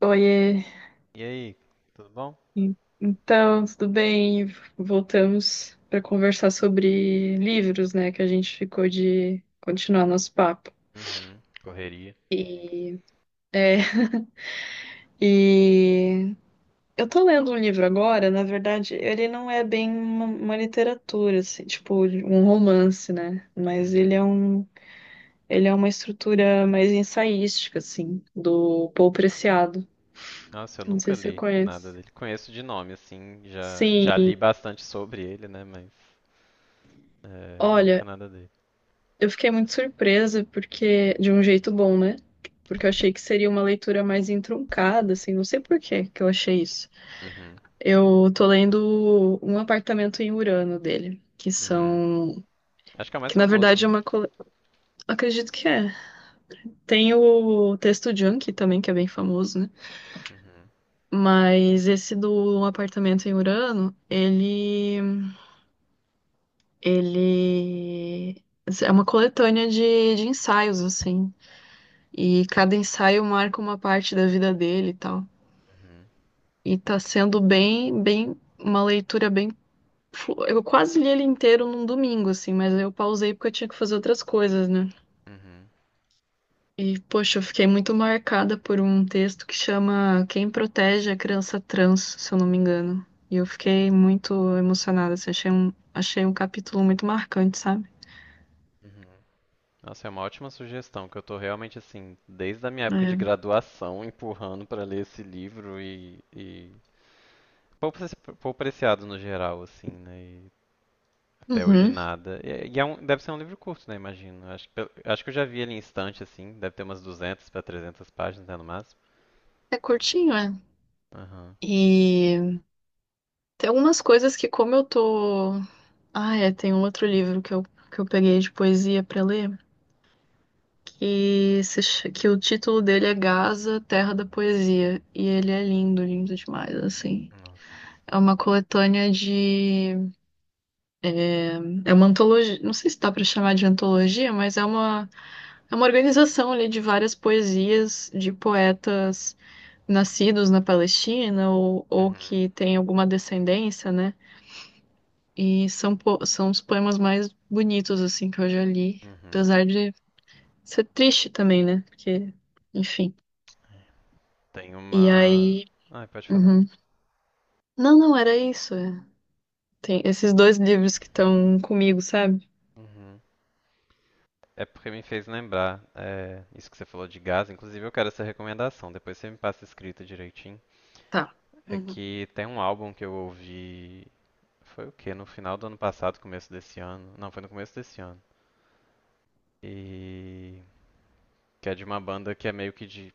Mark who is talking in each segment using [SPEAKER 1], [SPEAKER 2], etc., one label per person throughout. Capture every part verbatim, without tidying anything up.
[SPEAKER 1] Oiê.
[SPEAKER 2] E aí, tudo bom?
[SPEAKER 1] En- então, tudo bem? Voltamos para conversar sobre livros, né? Que a gente ficou de continuar nosso papo.
[SPEAKER 2] Uhum. Correria.
[SPEAKER 1] É, e eu tô lendo um livro agora. Na verdade, ele não é bem uma, uma literatura, assim, tipo um romance, né? Mas ele é
[SPEAKER 2] Uhum.
[SPEAKER 1] um, ele é uma estrutura mais ensaística, assim, do Paul Preciado.
[SPEAKER 2] Nossa, eu
[SPEAKER 1] Não sei
[SPEAKER 2] nunca
[SPEAKER 1] se você
[SPEAKER 2] li nada
[SPEAKER 1] conhece.
[SPEAKER 2] dele. Conheço de nome, assim, já, já
[SPEAKER 1] Sim.
[SPEAKER 2] li bastante sobre ele, né? Mas é, nunca
[SPEAKER 1] Olha,
[SPEAKER 2] nada dele.
[SPEAKER 1] eu fiquei muito surpresa, porque, de um jeito bom, né? Porque eu achei que seria uma leitura mais entroncada, assim. Não sei por que que eu achei isso.
[SPEAKER 2] Uhum.
[SPEAKER 1] Eu tô lendo Um Apartamento em Urano dele, que
[SPEAKER 2] Uhum.
[SPEAKER 1] são,
[SPEAKER 2] Acho que é o mais
[SPEAKER 1] que na
[SPEAKER 2] famoso,
[SPEAKER 1] verdade
[SPEAKER 2] né?
[SPEAKER 1] é uma, cole- acredito que é. Tem o texto Junkie também, que é bem famoso, né?
[SPEAKER 2] Uhum.
[SPEAKER 1] Mas esse do Um Apartamento em Urano, ele, ele é uma coletânea de, de ensaios, assim. E cada ensaio marca uma parte da vida dele e tal.
[SPEAKER 2] Uhum.
[SPEAKER 1] E tá sendo bem, bem, uma leitura bem. flu- Eu quase li ele inteiro num domingo, assim, mas eu pausei porque eu tinha que fazer outras coisas, né?
[SPEAKER 2] Uhum.
[SPEAKER 1] E, poxa, eu fiquei muito marcada por um texto que chama Quem Protege a Criança Trans, se eu não me engano. E eu fiquei muito emocionada, assim. Achei um, achei um capítulo muito marcante, sabe?
[SPEAKER 2] Uhum. Nossa, é uma ótima sugestão, que eu tô realmente, assim, desde a minha época de
[SPEAKER 1] É.
[SPEAKER 2] graduação, empurrando pra ler esse livro e, e pouco preci- pouco apreciado no geral, assim, né? E até hoje
[SPEAKER 1] Uhum.
[SPEAKER 2] nada. E e é um, deve ser um livro curto, né? Imagino. Acho que, pelo- acho que eu já vi ele em estante, assim. Deve ter umas duzentas para trezentas páginas, né, no máximo.
[SPEAKER 1] É curtinho, é.
[SPEAKER 2] Aham.
[SPEAKER 1] E tem algumas coisas que, como eu tô... Ah, é, tem um outro livro que eu, que eu peguei de poesia pra ler, que, se, ch- que o título dele é Gaza, Terra da Poesia. E ele é lindo, lindo demais, assim.
[SPEAKER 2] Nossa.
[SPEAKER 1] É uma coletânea de... É, é uma antologia, não sei se dá pra chamar de antologia, mas é uma, é uma organização ali de várias poesias de poetas nascidos na Palestina ou, ou
[SPEAKER 2] Uhum.
[SPEAKER 1] que têm alguma descendência, né? E são, po- são os poemas mais bonitos, assim, que eu já li.
[SPEAKER 2] Uhum.
[SPEAKER 1] Apesar de... Isso é triste também, né? Porque, enfim.
[SPEAKER 2] Tem
[SPEAKER 1] E
[SPEAKER 2] uma.
[SPEAKER 1] aí.
[SPEAKER 2] Ah, pode falar.
[SPEAKER 1] Uhum. Não, não, era isso. É. Tem esses dois livros que estão comigo, sabe?
[SPEAKER 2] Uhum. É porque me fez lembrar, é, isso que você falou de gás. Inclusive, eu quero essa recomendação. Depois você me passa escrita direitinho.
[SPEAKER 1] Tá.
[SPEAKER 2] É
[SPEAKER 1] Uhum.
[SPEAKER 2] que tem um álbum que eu ouvi. Foi o quê? No final do ano passado, começo desse ano. Não, foi no começo desse ano. E. Que é de uma banda que é meio que de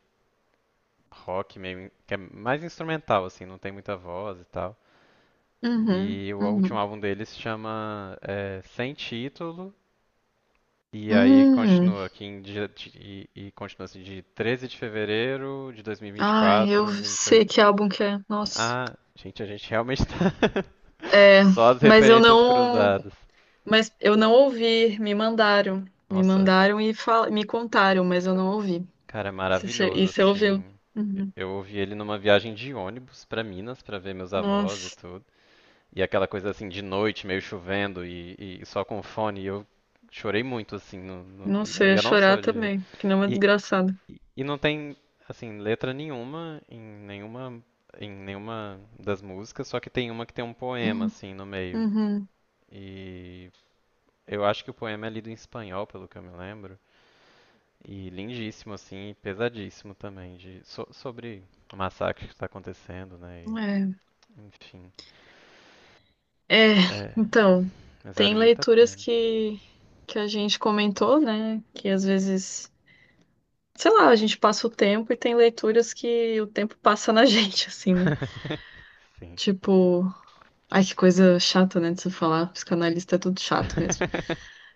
[SPEAKER 2] rock, meio que é mais instrumental assim, não tem muita voz e tal.
[SPEAKER 1] Uhum.
[SPEAKER 2] E o último
[SPEAKER 1] Uhum.
[SPEAKER 2] álbum deles se chama é, Sem Título, e aí
[SPEAKER 1] Uhum.
[SPEAKER 2] continua aqui em dia, de- e, e continua assim de treze de fevereiro de
[SPEAKER 1] Ai, eu
[SPEAKER 2] dois mil e vinte e quatro,
[SPEAKER 1] sei
[SPEAKER 2] vinte e oito.
[SPEAKER 1] que álbum que é. Nossa.
[SPEAKER 2] Ah, gente, a gente realmente tá
[SPEAKER 1] É,
[SPEAKER 2] só as
[SPEAKER 1] mas eu
[SPEAKER 2] referências
[SPEAKER 1] não.
[SPEAKER 2] cruzadas.
[SPEAKER 1] Mas eu não ouvi. Me mandaram. Me
[SPEAKER 2] Nossa,
[SPEAKER 1] mandaram e fal... me contaram, mas eu não ouvi.
[SPEAKER 2] cara, é
[SPEAKER 1] Você che-
[SPEAKER 2] maravilhoso
[SPEAKER 1] E você ouviu?
[SPEAKER 2] assim.
[SPEAKER 1] Uhum.
[SPEAKER 2] Eu ouvi ele numa viagem de ônibus pra Minas pra ver meus avós e
[SPEAKER 1] Nossa.
[SPEAKER 2] tudo. E aquela coisa assim de noite, meio chovendo e, e só com fone. E eu chorei muito, assim. No, no- e
[SPEAKER 1] Nossa, eu
[SPEAKER 2] eu,
[SPEAKER 1] ia
[SPEAKER 2] eu não
[SPEAKER 1] chorar
[SPEAKER 2] sou de.
[SPEAKER 1] também, que não é uma
[SPEAKER 2] E,
[SPEAKER 1] desgraçada.
[SPEAKER 2] e- e não tem, assim, letra nenhuma em nenhuma, em nenhuma das músicas, só que tem uma que tem um poema,
[SPEAKER 1] Uhum.
[SPEAKER 2] assim, no meio.
[SPEAKER 1] Uhum.
[SPEAKER 2] E eu acho que o poema é lido em espanhol, pelo que eu me lembro. E lindíssimo, assim, e pesadíssimo também, de, so- sobre o massacre que está acontecendo, né?
[SPEAKER 1] É.
[SPEAKER 2] E, enfim.
[SPEAKER 1] É,
[SPEAKER 2] É,
[SPEAKER 1] então,
[SPEAKER 2] mas vale
[SPEAKER 1] tem
[SPEAKER 2] muito a
[SPEAKER 1] leituras
[SPEAKER 2] pena.
[SPEAKER 1] que, que a gente comentou, né? Que às vezes, sei lá, a gente passa o tempo e tem leituras que o tempo passa na gente, assim, né?
[SPEAKER 2] Sim.
[SPEAKER 1] Tipo, ai que coisa chata, né? De se falar, psicanalista é tudo chato mesmo.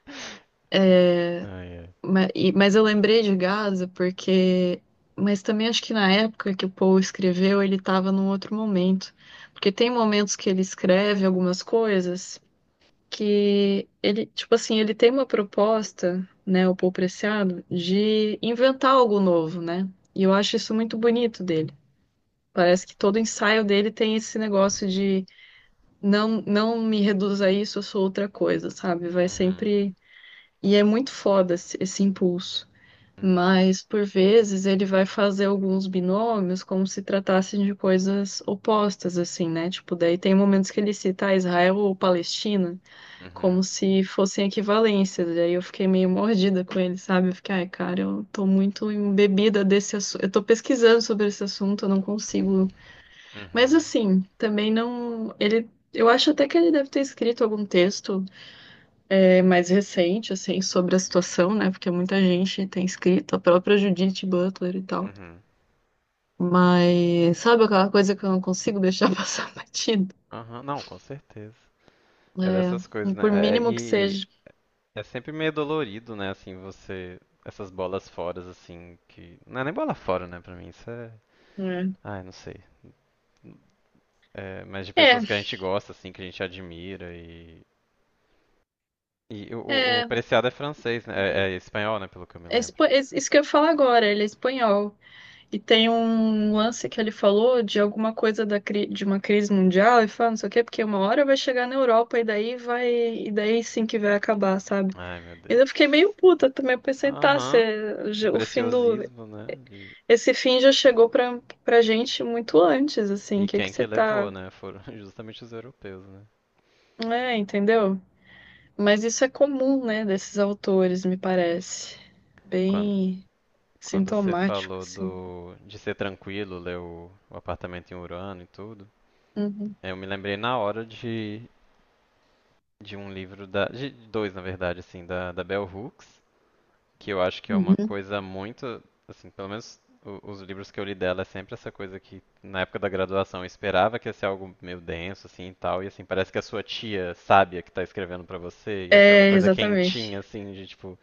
[SPEAKER 1] Mas, mas eu lembrei de Gaza porque... Mas também acho que na época que o Poe escreveu, ele estava num outro momento. Porque tem momentos que ele escreve algumas coisas, que ele, tipo assim, ele tem uma proposta, né, o Paul Preciado, de inventar algo novo, né? E eu acho isso muito bonito dele. Parece que todo ensaio dele tem esse negócio de não, não me reduza a isso, eu sou outra coisa, sabe? Vai
[SPEAKER 2] Uhum.
[SPEAKER 1] sempre. E é muito foda esse, esse impulso.
[SPEAKER 2] Uhum.
[SPEAKER 1] Mas, por vezes, ele vai fazer alguns binômios como se tratassem de coisas opostas, assim, né? Tipo, daí tem momentos que ele cita: "Ah, Israel ou Palestina",
[SPEAKER 2] Uhum.
[SPEAKER 1] como se fossem equivalências. E aí eu fiquei meio mordida com ele, sabe? Eu fiquei, ai, cara, eu tô muito embebida desse assunto. Eu tô pesquisando sobre esse assunto, eu não consigo. Mas
[SPEAKER 2] Uhum.
[SPEAKER 1] assim, também não. Ele... Eu acho até que ele deve ter escrito algum texto é, mais recente, assim, sobre a situação, né? Porque muita gente tem escrito, a própria Judith Butler e tal.
[SPEAKER 2] Uhum.
[SPEAKER 1] Mas sabe aquela coisa que eu não consigo deixar passar batido?
[SPEAKER 2] Aham, não, com certeza. É dessas coisas,
[SPEAKER 1] É,
[SPEAKER 2] né?
[SPEAKER 1] por
[SPEAKER 2] É- é-
[SPEAKER 1] mínimo que
[SPEAKER 2] e
[SPEAKER 1] seja.
[SPEAKER 2] é sempre meio dolorido, né? Assim, você. Essas bolas fora, assim, que. Não é nem bola fora, né? Pra mim, isso é. Ai, não sei. É, mas de
[SPEAKER 1] É,
[SPEAKER 2] pessoas que a gente gosta, assim, que a gente admira e. E o, o,
[SPEAKER 1] é,
[SPEAKER 2] o Preciado é francês, né?
[SPEAKER 1] é,
[SPEAKER 2] É, é espanhol, né? Pelo que eu me
[SPEAKER 1] É
[SPEAKER 2] lembro.
[SPEAKER 1] espa- é isso que eu ia falar agora, ele é espanhol. E tem um lance que ele falou de alguma coisa da cri- de uma crise mundial, e fala, não sei o quê, porque uma hora vai chegar na Europa e daí vai, e daí sim que vai acabar, sabe?
[SPEAKER 2] Ai, meu
[SPEAKER 1] E eu
[SPEAKER 2] Deus.
[SPEAKER 1] fiquei meio puta também. Eu pensei, tá,
[SPEAKER 2] Aham.
[SPEAKER 1] cê-
[SPEAKER 2] O
[SPEAKER 1] já- o fim do...
[SPEAKER 2] preciosismo, né? De...
[SPEAKER 1] Esse fim já chegou pra, pra gente muito antes, assim. O
[SPEAKER 2] E
[SPEAKER 1] que que
[SPEAKER 2] quem que
[SPEAKER 1] você tá...
[SPEAKER 2] levou, né? Foram justamente os europeus, né?
[SPEAKER 1] É, entendeu? Mas isso é comum, né, desses autores, me parece.
[SPEAKER 2] Quando,
[SPEAKER 1] Bem
[SPEAKER 2] quando você
[SPEAKER 1] sintomático,
[SPEAKER 2] falou
[SPEAKER 1] assim.
[SPEAKER 2] do, de ser tranquilo, ler o, o apartamento em Urano e tudo, eu me lembrei na hora de, de um livro da, de dois, na verdade, assim, da, da Bell Hooks, que eu acho que é uma
[SPEAKER 1] Uhum.
[SPEAKER 2] coisa muito, assim, pelo menos o- os livros que eu li dela é sempre essa coisa que na época da graduação eu esperava que ia ser algo meio denso assim e tal, e assim parece que a sua tia sábia que tá escrevendo pra você e aquela
[SPEAKER 1] É,
[SPEAKER 2] coisa
[SPEAKER 1] exatamente.
[SPEAKER 2] quentinha assim de tipo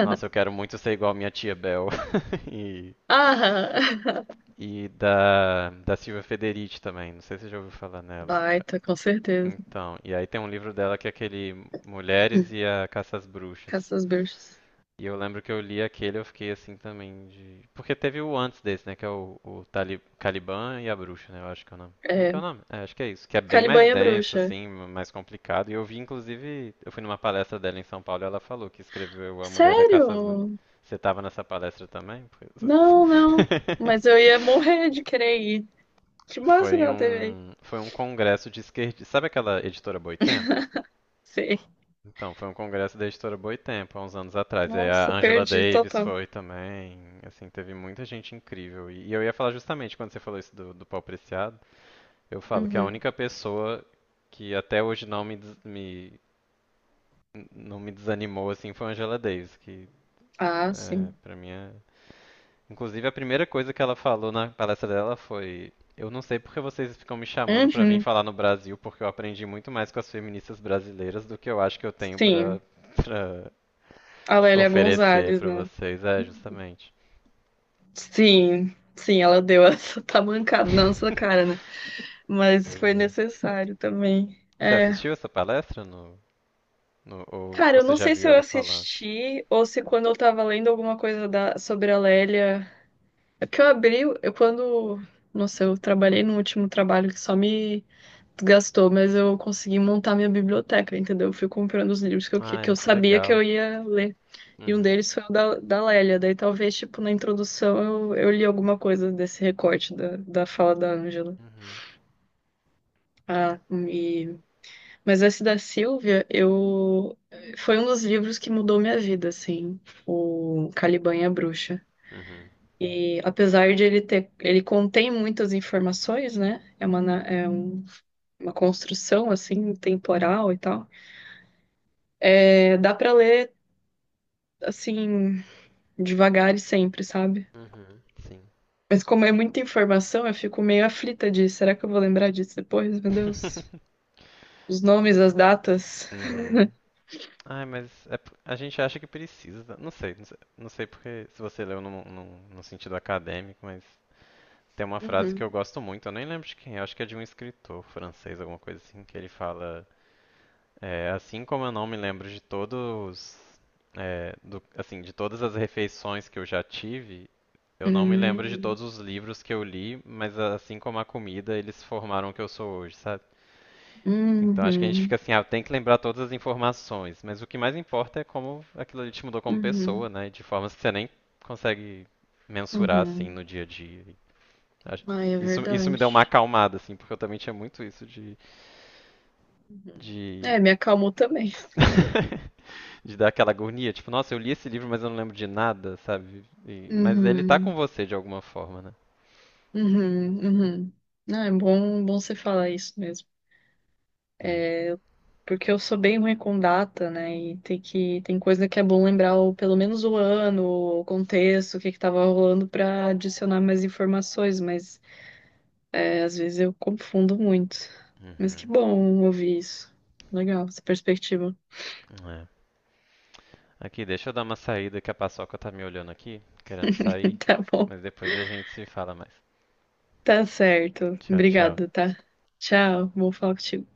[SPEAKER 2] Nossa, eu quero muito ser igual minha tia Bel. E,
[SPEAKER 1] Ah,
[SPEAKER 2] e da, da Silvia Federici também, não sei se você já ouviu falar nela.
[SPEAKER 1] baita, com certeza.
[SPEAKER 2] Então, e aí tem um livro dela que é aquele Mulheres e a Caça às Bruxas.
[SPEAKER 1] Caça das bruxas.
[SPEAKER 2] E eu lembro que eu li aquele, e eu fiquei assim também de. Porque teve o antes desse, né? Que é o, o Tali- Caliban e a Bruxa, né? Eu acho que é o nome. Como é que é
[SPEAKER 1] É,
[SPEAKER 2] o nome? É, acho que é isso. Que é bem
[SPEAKER 1] Caliban
[SPEAKER 2] mais
[SPEAKER 1] é
[SPEAKER 2] denso,
[SPEAKER 1] bruxa.
[SPEAKER 2] assim, mais complicado. E eu vi, inclusive, eu fui numa palestra dela em São Paulo e ela falou que escreveu A Mulher e a
[SPEAKER 1] Sério?
[SPEAKER 2] Caça às Bruxas. Você tava nessa palestra também? Pois-
[SPEAKER 1] Não, não. Mas eu ia morrer de querer ir. Que massa que
[SPEAKER 2] Foi
[SPEAKER 1] ela teve aí.
[SPEAKER 2] um, foi um congresso de esquerdistas. Sabe aquela editora Boitempo?
[SPEAKER 1] Sim.
[SPEAKER 2] Então, foi um congresso da editora Boitempo, há uns anos atrás. E aí a
[SPEAKER 1] Nossa,
[SPEAKER 2] Angela
[SPEAKER 1] perdi
[SPEAKER 2] Davis
[SPEAKER 1] total.
[SPEAKER 2] foi também. Assim, teve muita gente incrível. E e eu ia falar justamente quando você falou isso do, do pau preciado, eu falo que a
[SPEAKER 1] Uhum.
[SPEAKER 2] única pessoa que até hoje não me, des- me- não me desanimou assim foi a Angela Davis, que
[SPEAKER 1] Ah,
[SPEAKER 2] é,
[SPEAKER 1] sim.
[SPEAKER 2] para mim é... Inclusive a primeira coisa que ela falou na palestra dela foi Eu não sei porque vocês ficam me chamando pra vir
[SPEAKER 1] Uhum.
[SPEAKER 2] falar no Brasil, porque eu aprendi muito mais com as feministas brasileiras do que eu acho que eu tenho pra
[SPEAKER 1] Sim.
[SPEAKER 2] para
[SPEAKER 1] A Lélia
[SPEAKER 2] oferecer
[SPEAKER 1] Gonzalez,
[SPEAKER 2] pra
[SPEAKER 1] né?
[SPEAKER 2] vocês. É, justamente.
[SPEAKER 1] Sim. Sim, ela deu essa tamancada na nossa cara, né? Mas
[SPEAKER 2] Pois
[SPEAKER 1] foi
[SPEAKER 2] é.
[SPEAKER 1] necessário também.
[SPEAKER 2] Você
[SPEAKER 1] É.
[SPEAKER 2] assistiu essa palestra no, no- ou, ou
[SPEAKER 1] Cara, eu
[SPEAKER 2] você
[SPEAKER 1] não
[SPEAKER 2] já
[SPEAKER 1] sei se
[SPEAKER 2] viu
[SPEAKER 1] eu
[SPEAKER 2] ela falando?
[SPEAKER 1] assisti ou se quando eu tava lendo alguma coisa da, sobre a Lélia. É porque eu abri, eu quando... Nossa, eu trabalhei no último trabalho que só me desgastou, mas eu consegui montar minha biblioteca, entendeu? Eu fui comprando os livros que eu, que que
[SPEAKER 2] Ai,
[SPEAKER 1] eu
[SPEAKER 2] que
[SPEAKER 1] sabia que
[SPEAKER 2] legal.
[SPEAKER 1] eu ia ler. E um
[SPEAKER 2] Uhum.
[SPEAKER 1] deles foi o da, da Lélia. Daí talvez, tipo, na introdução eu, eu li alguma coisa desse recorte da, da fala da Ângela.
[SPEAKER 2] Uhum.
[SPEAKER 1] Ah, e... Mas esse da Silvia, eu foi um dos livros que mudou minha vida, assim, o Caliban e a Bruxa.
[SPEAKER 2] Uhum.
[SPEAKER 1] E apesar de ele ter, ele contém muitas informações, né? É uma, na- é um- uma construção assim temporal e tal. É, dá pra ler assim devagar e sempre, sabe?
[SPEAKER 2] Uhum. Sim.
[SPEAKER 1] Mas como é muita informação, eu fico meio aflita de, será que eu vou lembrar disso depois? Meu Deus. Os nomes, as datas.
[SPEAKER 2] Uhum. Ai, mas é p- a gente acha que precisa. Né? Não sei, não sei, não sei porque se você leu no, no, no sentido acadêmico, mas tem uma frase que
[SPEAKER 1] Uhum.
[SPEAKER 2] eu gosto muito, eu nem lembro de quem, é, acho que é de um escritor francês, alguma coisa assim, que ele fala É, assim como eu não me lembro de todos, é, do- assim, de todas as refeições que eu já tive, eu não me lembro de
[SPEAKER 1] Hum,
[SPEAKER 2] todos os livros que eu li, mas a- assim como a comida, eles formaram o que eu sou hoje, sabe? Então acho que a gente fica
[SPEAKER 1] uhum,
[SPEAKER 2] assim, ah, tem que lembrar todas as informações, mas o que mais importa é como aquilo ali te mudou como pessoa,
[SPEAKER 1] uhum.
[SPEAKER 2] né? De formas que você nem consegue mensurar assim
[SPEAKER 1] Uhum.
[SPEAKER 2] no dia a dia. E acho-
[SPEAKER 1] Ai, é
[SPEAKER 2] Isso, isso me
[SPEAKER 1] verdade.
[SPEAKER 2] deu uma acalmada, assim, porque eu também tinha muito isso de,
[SPEAKER 1] Uhum.
[SPEAKER 2] de...
[SPEAKER 1] É, me acalmou também.
[SPEAKER 2] de dar aquela agonia, tipo, nossa, eu li esse livro, mas eu não lembro de nada, sabe? E- mas ele tá
[SPEAKER 1] Uhum.
[SPEAKER 2] com você de alguma forma, né?
[SPEAKER 1] Uhum. Uhum. Não, é bom, bom você falar isso mesmo.
[SPEAKER 2] É.
[SPEAKER 1] Porque eu sou bem ruim com data, né? E tem que, tem coisa que é bom lembrar, o, pelo menos o ano, o contexto, o que que tava rolando pra adicionar mais informações. Mas é, às vezes eu confundo muito. Mas que
[SPEAKER 2] Uhum.
[SPEAKER 1] bom ouvir isso. Legal, essa perspectiva.
[SPEAKER 2] É. Aqui, deixa eu dar uma saída que a Paçoca tá me olhando aqui, querendo sair,
[SPEAKER 1] Tá bom.
[SPEAKER 2] mas depois a gente se fala mais.
[SPEAKER 1] Tá certo.
[SPEAKER 2] Tchau, tchau.
[SPEAKER 1] Obrigada, tá? Tchau. Bom falar contigo.